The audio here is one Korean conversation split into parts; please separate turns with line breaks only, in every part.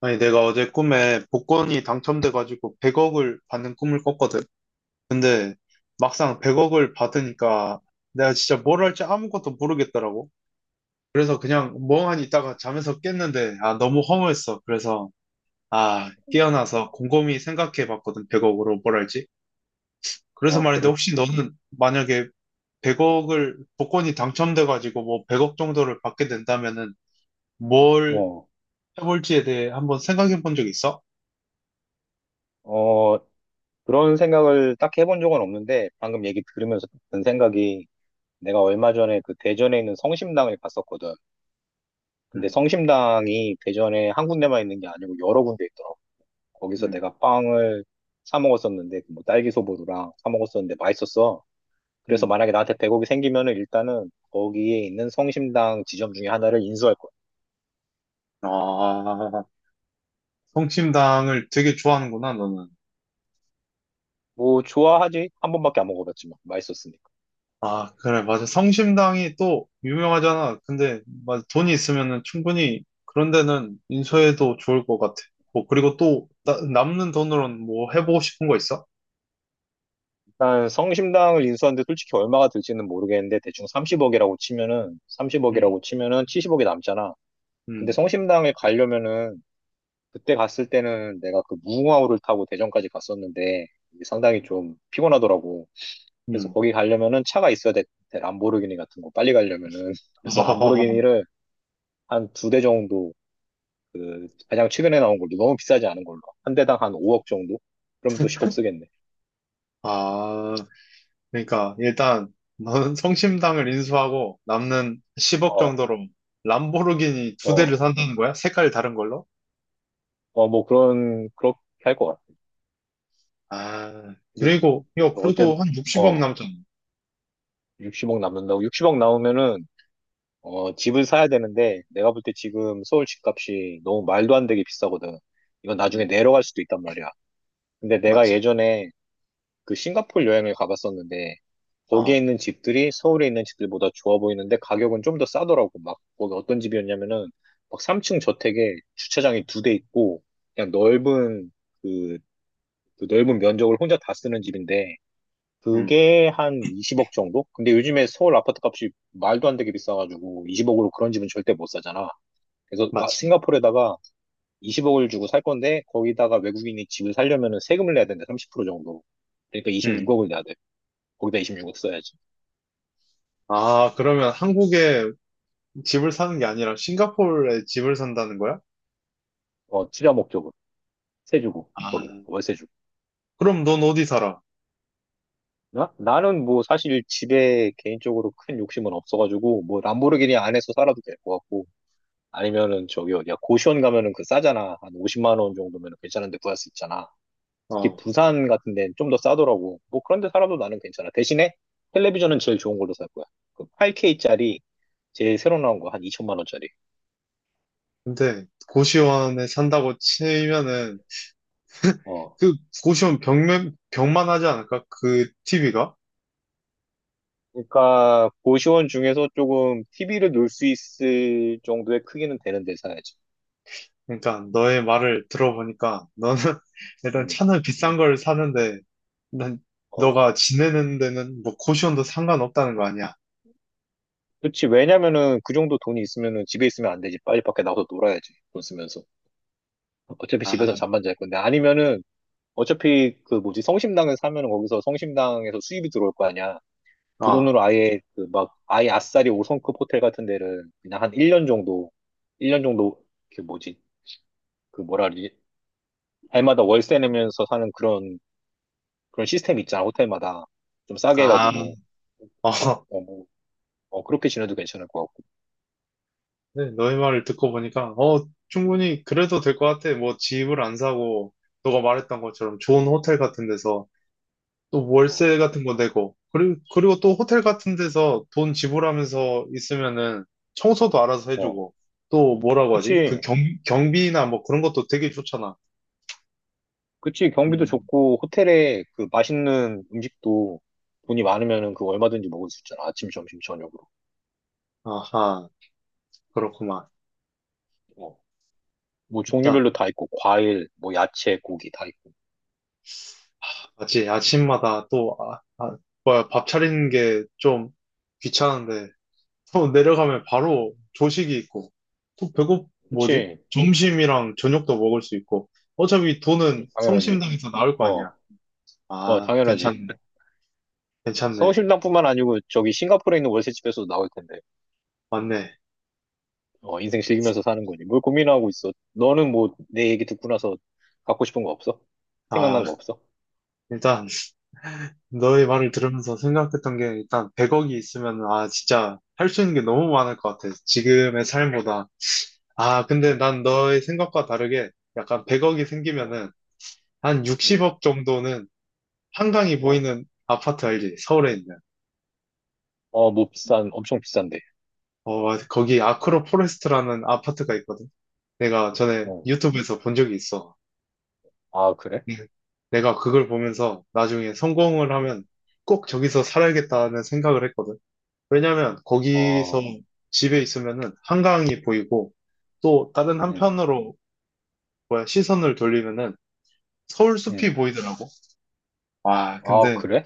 아니, 내가 어제 꿈에 복권이 당첨돼가지고 100억을 받는 꿈을 꿨거든. 근데 막상 100억을 받으니까 내가 진짜 뭘 할지 아무것도 모르겠더라고. 그래서 그냥 멍하니 있다가 잠에서 깼는데, 아, 너무 허무했어. 그래서, 아, 깨어나서 곰곰이 생각해 봤거든. 100억으로 뭘 할지. 그래서
아,
말인데,
그래?
혹시 너는 만약에 100억을, 복권이 당첨돼가지고 뭐 100억 정도를 받게 된다면은 뭘
어,
해볼지에 대해 한번 생각해 본 적 있어?
어, 그런 생각을 딱 해본 적은 없는데, 방금 얘기 들으면서 든 생각이, 내가 얼마 전에 그 대전에 있는 성심당을 갔었거든. 근데
음,
성심당이 대전에 한 군데만 있는 게 아니고 여러 군데 있더라고. 거기서
음,
내가 빵을 사 먹었었는데, 그 뭐 딸기 소보루랑 사 먹었었는데 맛있었어. 그래서
음.
만약에 나한테 대0억이 생기면은 일단은 거기에 있는 성심당 지점 중에 하나를 인수할 거야.
아, 성심당을 되게 좋아하는구나, 너는.
뭐, 좋아하지? 한 번밖에 안 먹어봤지만, 맛있었으니.
아, 그래, 맞아. 성심당이 또 유명하잖아. 근데, 맞아. 돈이 있으면은 충분히 그런 데는 인수해도 좋을 것 같아. 뭐, 그리고 또 남는 돈으로는 뭐 해보고 싶은 거 있어?
일단 성심당을 인수하는데 솔직히 얼마가 들지는 모르겠는데 대충 30억이라고 치면은
응,
30억이라고 치면은 70억이 남잖아. 근데
응,
성심당에 가려면은 그때 갔을 때는 내가 그 무궁화호를 타고 대전까지 갔었는데 이게 상당히 좀 피곤하더라고. 그래서
응.
거기 가려면은 차가 있어야 돼. 람보르기니 같은 거 빨리 가려면은 그래서 람보르기니를 한 두 대 정도 그 가장 최근에 나온 걸로 너무 비싸지 않은 걸로 한 대당 한 5억 정도? 그럼 또 10억 쓰겠네.
아, 그러니까 일단 너는 성심당을 인수하고 남는 10억
어,
정도로 람보르기니 두 대를
어,
산다는 거야? 색깔 다른 걸로?
어, 뭐 그런 그렇게 할 것 같아.
아,
이제
그리고, 야,
어때?
그래도 한 60억
어,
남잖아.
60억 남는다고? 60억 나오면은 집을 사야 되는데 내가 볼 때 지금 서울 집값이 너무 말도 안 되게 비싸거든. 이건 나중에
음,
내려갈 수도 있단 말이야. 근데 내가
맞지.
예전에 그 싱가포르 여행을 가봤었는데 거기에
어,
있는 집들이 서울에 있는 집들보다 좋아 보이는데 가격은 좀 더 싸더라고. 막 거기 어떤 집이었냐면은 막 3층 저택에 주차장이 두 대 있고 그냥 넓은 그, 그 넓은 면적을 혼자 다 쓰는 집인데
음,
그게 한 20억 정도? 근데 요즘에 서울 아파트 값이 말도 안 되게 비싸가지고 20억으로 그런 집은 절대 못 사잖아. 그래서 아,
맞지.
싱가포르에다가 20억을 주고 살 건데 거기다가 외국인이 집을 살려면은 세금을 내야 되는데 30% 정도. 그러니까
음.
26억을 내야 돼. 거기다 26억 써야지.
아, 그러면 한국에 집을 사는 게 아니라 싱가포르에 집을 산다는 거야?
어, 투자 목적은 세 주고 거기
아,
월세 주고.
그럼 넌 어디 살아?
나 나는 뭐 사실 집에 개인적으로 큰 욕심은 없어가지고 뭐 람보르기니 안에서 살아도 될 것 같고, 아니면은 저기 어디야 고시원 가면은 그 싸잖아, 한 50만 원 정도면 괜찮은데 구할 수 있잖아. 특히
어,
부산 같은 데는 좀 더 싸더라고. 뭐 그런데 살아도 나는 괜찮아. 대신에 텔레비전은 제일 좋은 걸로 살 거야. 그 8K짜리 제일 새로 나온 거, 한 2천만 원짜리.
근데 고시원에 산다고 치면은
어.
그 고시원 벽만 하지 않을까? 그 TV가?
그러니까 고시원 중에서 조금 TV를 놓을 수 있을 정도의 크기는 되는 데 사야지.
그러니까 너의 말을 들어보니까 너는 일단
음.
차는 비싼 걸 사는데 난
어.
너가 지내는 데는 뭐 고시원도 상관없다는 거 아니야?
그렇지. 왜냐면은 그 정도 돈이 있으면은 집에 있으면 안 되지. 빨리 밖에 나가서 놀아야지, 돈 쓰면서. 어차피 집에서
아,
잠만 잘 건데, 아니면은 어차피 그 뭐지, 성심당에 사면은 거기서 성심당에서 수입이 들어올 거 아니야. 그
어,
돈으로 아예 그 막 아예 아싸리 5성급 호텔 같은 데를 그냥 한 1년 정도, 1년 정도 그 뭐지 그 뭐라 그러지, 해마다 월세 내면서 사는 그런 시스템 있잖아, 호텔마다 좀 싸게
아,
해가지고.
어.
뭐, 그렇게 지내도 괜찮을 것 같고.
네, 너의 말을 듣고 보니까, 어, 충분히 그래도 될 것 같아. 뭐, 집을 안 사고, 너가 말했던 것처럼 좋은 호텔 같은 데서, 또
어,
월세 같은 거 내고, 그리고 또 호텔 같은 데서 돈 지불하면서 있으면은 청소도 알아서
어.
해주고, 또 뭐라고 하지?
그치,
경비나 뭐 그런 것도 되게 좋잖아.
그치, 경비도
음.
좋고 호텔에 그 맛있는 음식도 돈이 많으면은 그 얼마든지 먹을 수 있잖아, 아침 점심 저녁으로.
아하, 그렇구만.
어. 뭐
일단,
종류별로 다 있고, 과일 뭐 야채 고기 다 있고.
아침마다 또, 아, 아, 뭐야, 밥 차리는 게 좀 귀찮은데, 또 내려가면 바로 조식이 있고, 또 뭐지?
그치.
점심이랑 저녁도 먹을 수 있고, 어차피 돈은
당연하지.
성심당에서 나올 거 아니야.
어, 어,
아,
당연하지.
괜찮네. 괜찮네.
성심당뿐만 아니고 저기 싱가포르에 있는 월세집에서도 나올 텐데.
맞네.
어, 인생 즐기면서 사는 거지. 뭘 고민하고 있어. 너는 뭐 내 얘기 듣고 나서 갖고 싶은 거 없어?
아,
생각난 거 없어?
일단, 너의
응,
말을 들으면서 생각했던 게, 일단, 100억이 있으면, 아, 진짜, 할 수 있는 게 너무 많을 것 같아. 지금의 삶보다. 아, 근데
응,
난 너의 생각과 다르게, 약간 100억이
어,
생기면은, 한
어,
60억 정도는 한강이
어,
보이는 아파트 알지? 서울에 있는.
어, 뭐 엄청 비싼데.
어, 거기 아크로 포레스트라는 아파트가 있거든. 내가 전에
어,
유튜브에서 본 적이 있어.
아, 그래?
네. 내가 그걸 보면서 나중에 성공을 하면 꼭 저기서 살아야겠다는 생각을 했거든. 왜냐면 거기서
어,
집에 있으면은 한강이 보이고 또 다른
응,
한편으로 뭐야 시선을 돌리면은 서울 숲이
응.
보이더라고. 와,
아,
근데
그래?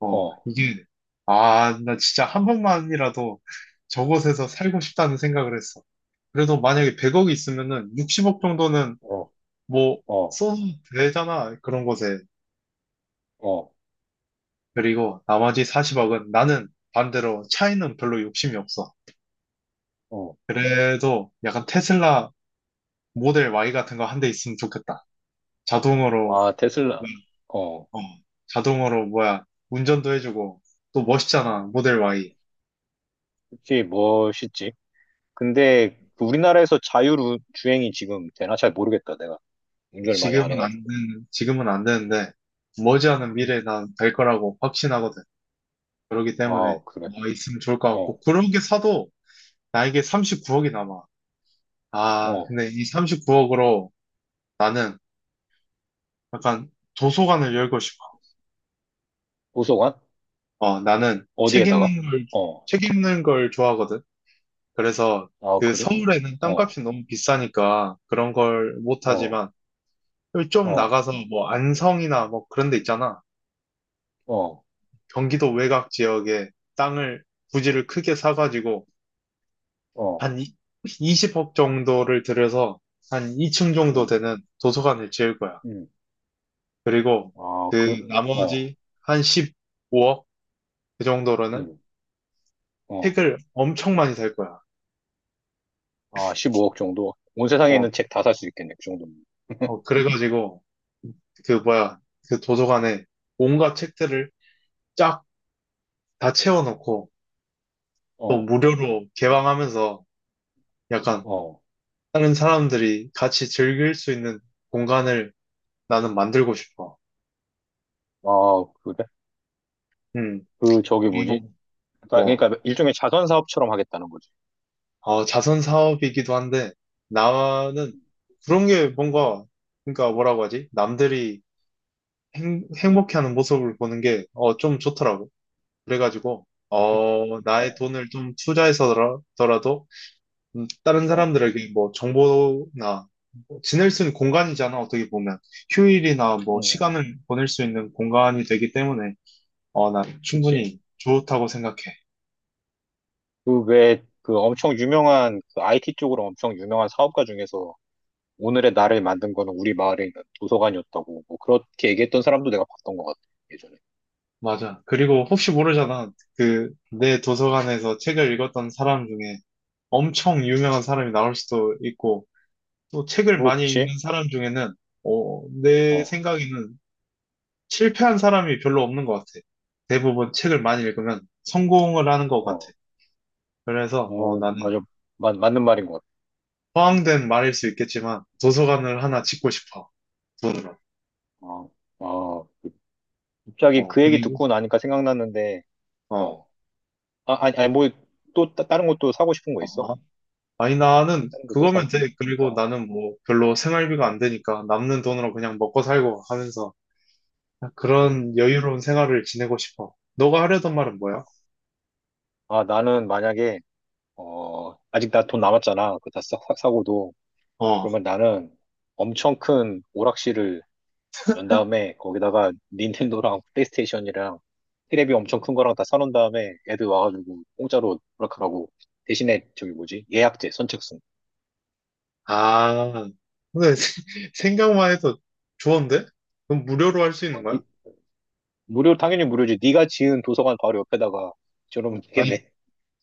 어
어,
이게 아, 나 진짜 한 번만이라도 저곳에서 살고 싶다는 생각을 했어. 그래도 만약에 100억이 있으면은 60억 정도는
어,
뭐
어,
써도 되잖아. 그런 것에.
어,
그리고 나머지 40억은 나는 반대로 차에는 별로 욕심이 없어.
어.
그래도 약간 테슬라 모델 Y 같은 거 한 대 있으면 좋겠다. 자동으로,
아, 테슬라. 어,
어, 자동으로 뭐야, 운전도 해주고, 또 멋있잖아, 모델 Y.
그게 멋있지. 근데 그 우리나라에서 자율주행이 지금 되나? 잘 모르겠다, 내가. 운전을 많이 안 해가지고.
지금은 안 되는데, 머지않은
음.
미래에 난 될 거라고 확신하거든. 그렇기 때문에,
아, 그래.
와, 있으면 좋을 것 같고,
어,
그런 게 사도 나에게 39억이 남아. 아,
어.
근데 이 39억으로 나는 약간 도서관을 열고 싶어.
도서관?
어, 나는
어디에다가? 어.
책 읽는 걸 좋아하거든. 그래서
아,
그
그래?
서울에는
어,
땅값이 너무 비싸니까 그런 걸
어,
못하지만 좀
어,
나가서 뭐 안성이나 뭐 그런 데 있잖아.
어,
경기도 외곽 지역에 땅을, 부지를 크게 사가지고
어.
한 20억 정도를 들여서 한 2층 정도
음,
되는 도서관을 지을 거야.
음.
그리고
아, 그,
그
어,
나머지 한 15억 그 정도로는
음, 어.
책을 엄청 많이 살 거야.
아, 15억 정도? 온 세상에
어,
있는 책 다 살 수 있겠네, 그 정도면.
어, 그래가지고 그 뭐야 그 도서관에 온갖 책들을 쫙 다 채워놓고 또
어,
무료로 개방하면서 약간
어.
다른 사람들이 같이 즐길 수 있는 공간을 나는 만들고 싶어.
아, 그래?
음,
저기 뭐지?
그리고
그러니까,
뭐
그러니까 일종의 자선 사업처럼 하겠다는 거지.
어, 자선 사업이기도 한데 나는 그런 게 뭔가 그러니까 뭐라고 하지? 남들이 행복해하는 모습을 보는 게, 어, 좀 좋더라고. 그래가지고,
아, 그,
어, 나의
어,
돈을 좀 투자해서더라도, 다른
어.
사람들에게 뭐 정보나, 뭐 지낼 수 있는 공간이잖아, 어떻게 보면. 휴일이나 뭐
응,
시간을 보낼 수 있는 공간이 되기 때문에, 어, 난
그치.
충분히 좋다고 생각해.
그 왜, 그 엄청 유명한, 그 IT 쪽으로 엄청 유명한 사업가 중에서 오늘의 나를 만든 거는 우리 마을에 있는 도서관이었다고, 뭐, 그렇게 얘기했던 사람도 내가 봤던 것 같아, 예전에.
맞아. 그리고 혹시 모르잖아. 그, 내 도서관에서 책을 읽었던 사람 중에 엄청 유명한 사람이 나올 수도 있고, 또 책을
뭐,
많이
그치?
읽는 사람 중에는 어, 내
어,
생각에는 실패한 사람이 별로 없는 것 같아. 대부분 책을 많이 읽으면 성공을 하는 것 같아.
어,
그래서 어,
뭐
나는
맞아. 맞는 말인 것
허황된 말일 수 있겠지만 도서관을 하나 짓고 싶어. 돈으로.
같아. 어, 어, 갑자기
어,
그 얘기
그리고
듣고 나니까 생각났는데,
어, 어.
어, 아, 아니, 아니, 뭐, 또, 다른 것도 사고 싶은 거 있어?
어. 아니 나는
다른 것도
그거면
사고, 싶-
돼. 그리고
어,
나는 뭐 별로 생활비가 안 되니까 남는 돈으로 그냥 먹고 살고 하면서
음.
그런 여유로운 생활을 지내고 싶어. 너가 하려던 말은 뭐야?
아, 나는 만약에, 아직 나 돈 남았잖아. 그거 다 사고도.
어.
그러면 나는 엄청 큰 오락실을 연 다음에 거기다가 닌텐도랑 플레이스테이션이랑 테레비 엄청 큰 거랑 다 사놓은 다음에 애들 와가지고 공짜로 오락하라고. 대신에 저기 뭐지, 예약제 선착순.
아, 근데 생각만 해도 좋은데? 그럼 무료로 할 수 있는
어,
거야?
무료, 당연히 무료지. 네가 지은 도서관 바로 옆에다가 저러면
아니,
되겠네.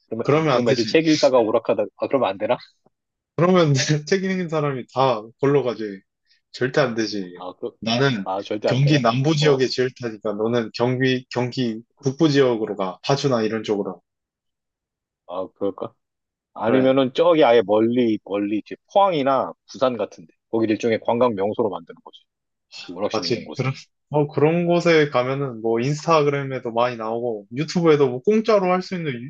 그러면
그러면 안
그럼 애들
되지.
책 읽다가 오락하다, 아, 그러면 안 되나?
그러면 책 읽는 사람이 다 걸러 가지. 절대 안 되지.
아,
나는
절대 안
경기
되나?
남부 지역에
어,
지을 테니까 너는 경기 북부 지역으로 가. 파주나 이런 쪽으로.
아, 그럴까?
그래,
아니면은 저기 아예 멀리 멀리 이제 포항이나 부산 같은데, 거기를 일종의 관광 명소로 만드는 거지, 그 오락실 있는
맞지.
곳에.
그런, 어, 그런 곳에 가면은 뭐 인스타그램에도 많이 나오고 유튜브에도 뭐 공짜로 할 수 있는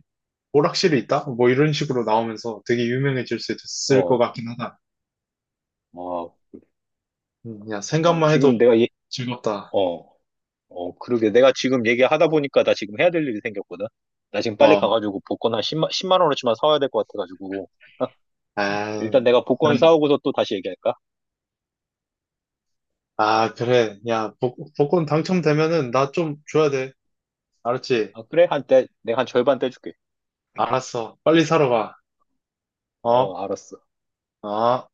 오락실이 있다? 뭐 이런 식으로 나오면서 되게 유명해질 수 있을 것
어,
같긴 하다.
어,
그냥
어,
생각만 해도 즐겁다.
어, 어, 그러게. 내가 지금 얘기하다 보니까 나 지금 해야 될 일이 생겼거든. 나 지금 빨리
어,
가가지고 복권 한 십만 원어치만 사와야 될 것 같아가지고.
아,
일단 내가 복권
그래.
사오고서 또 다시 얘기할까?
아, 그래. 야, 복권 당첨되면은 나 좀 줘야 돼. 알았지?
아, 그래? 내가 한 절반 떼줄게.
알았어. 빨리 사러 가. 어,
어, 알았어.
어.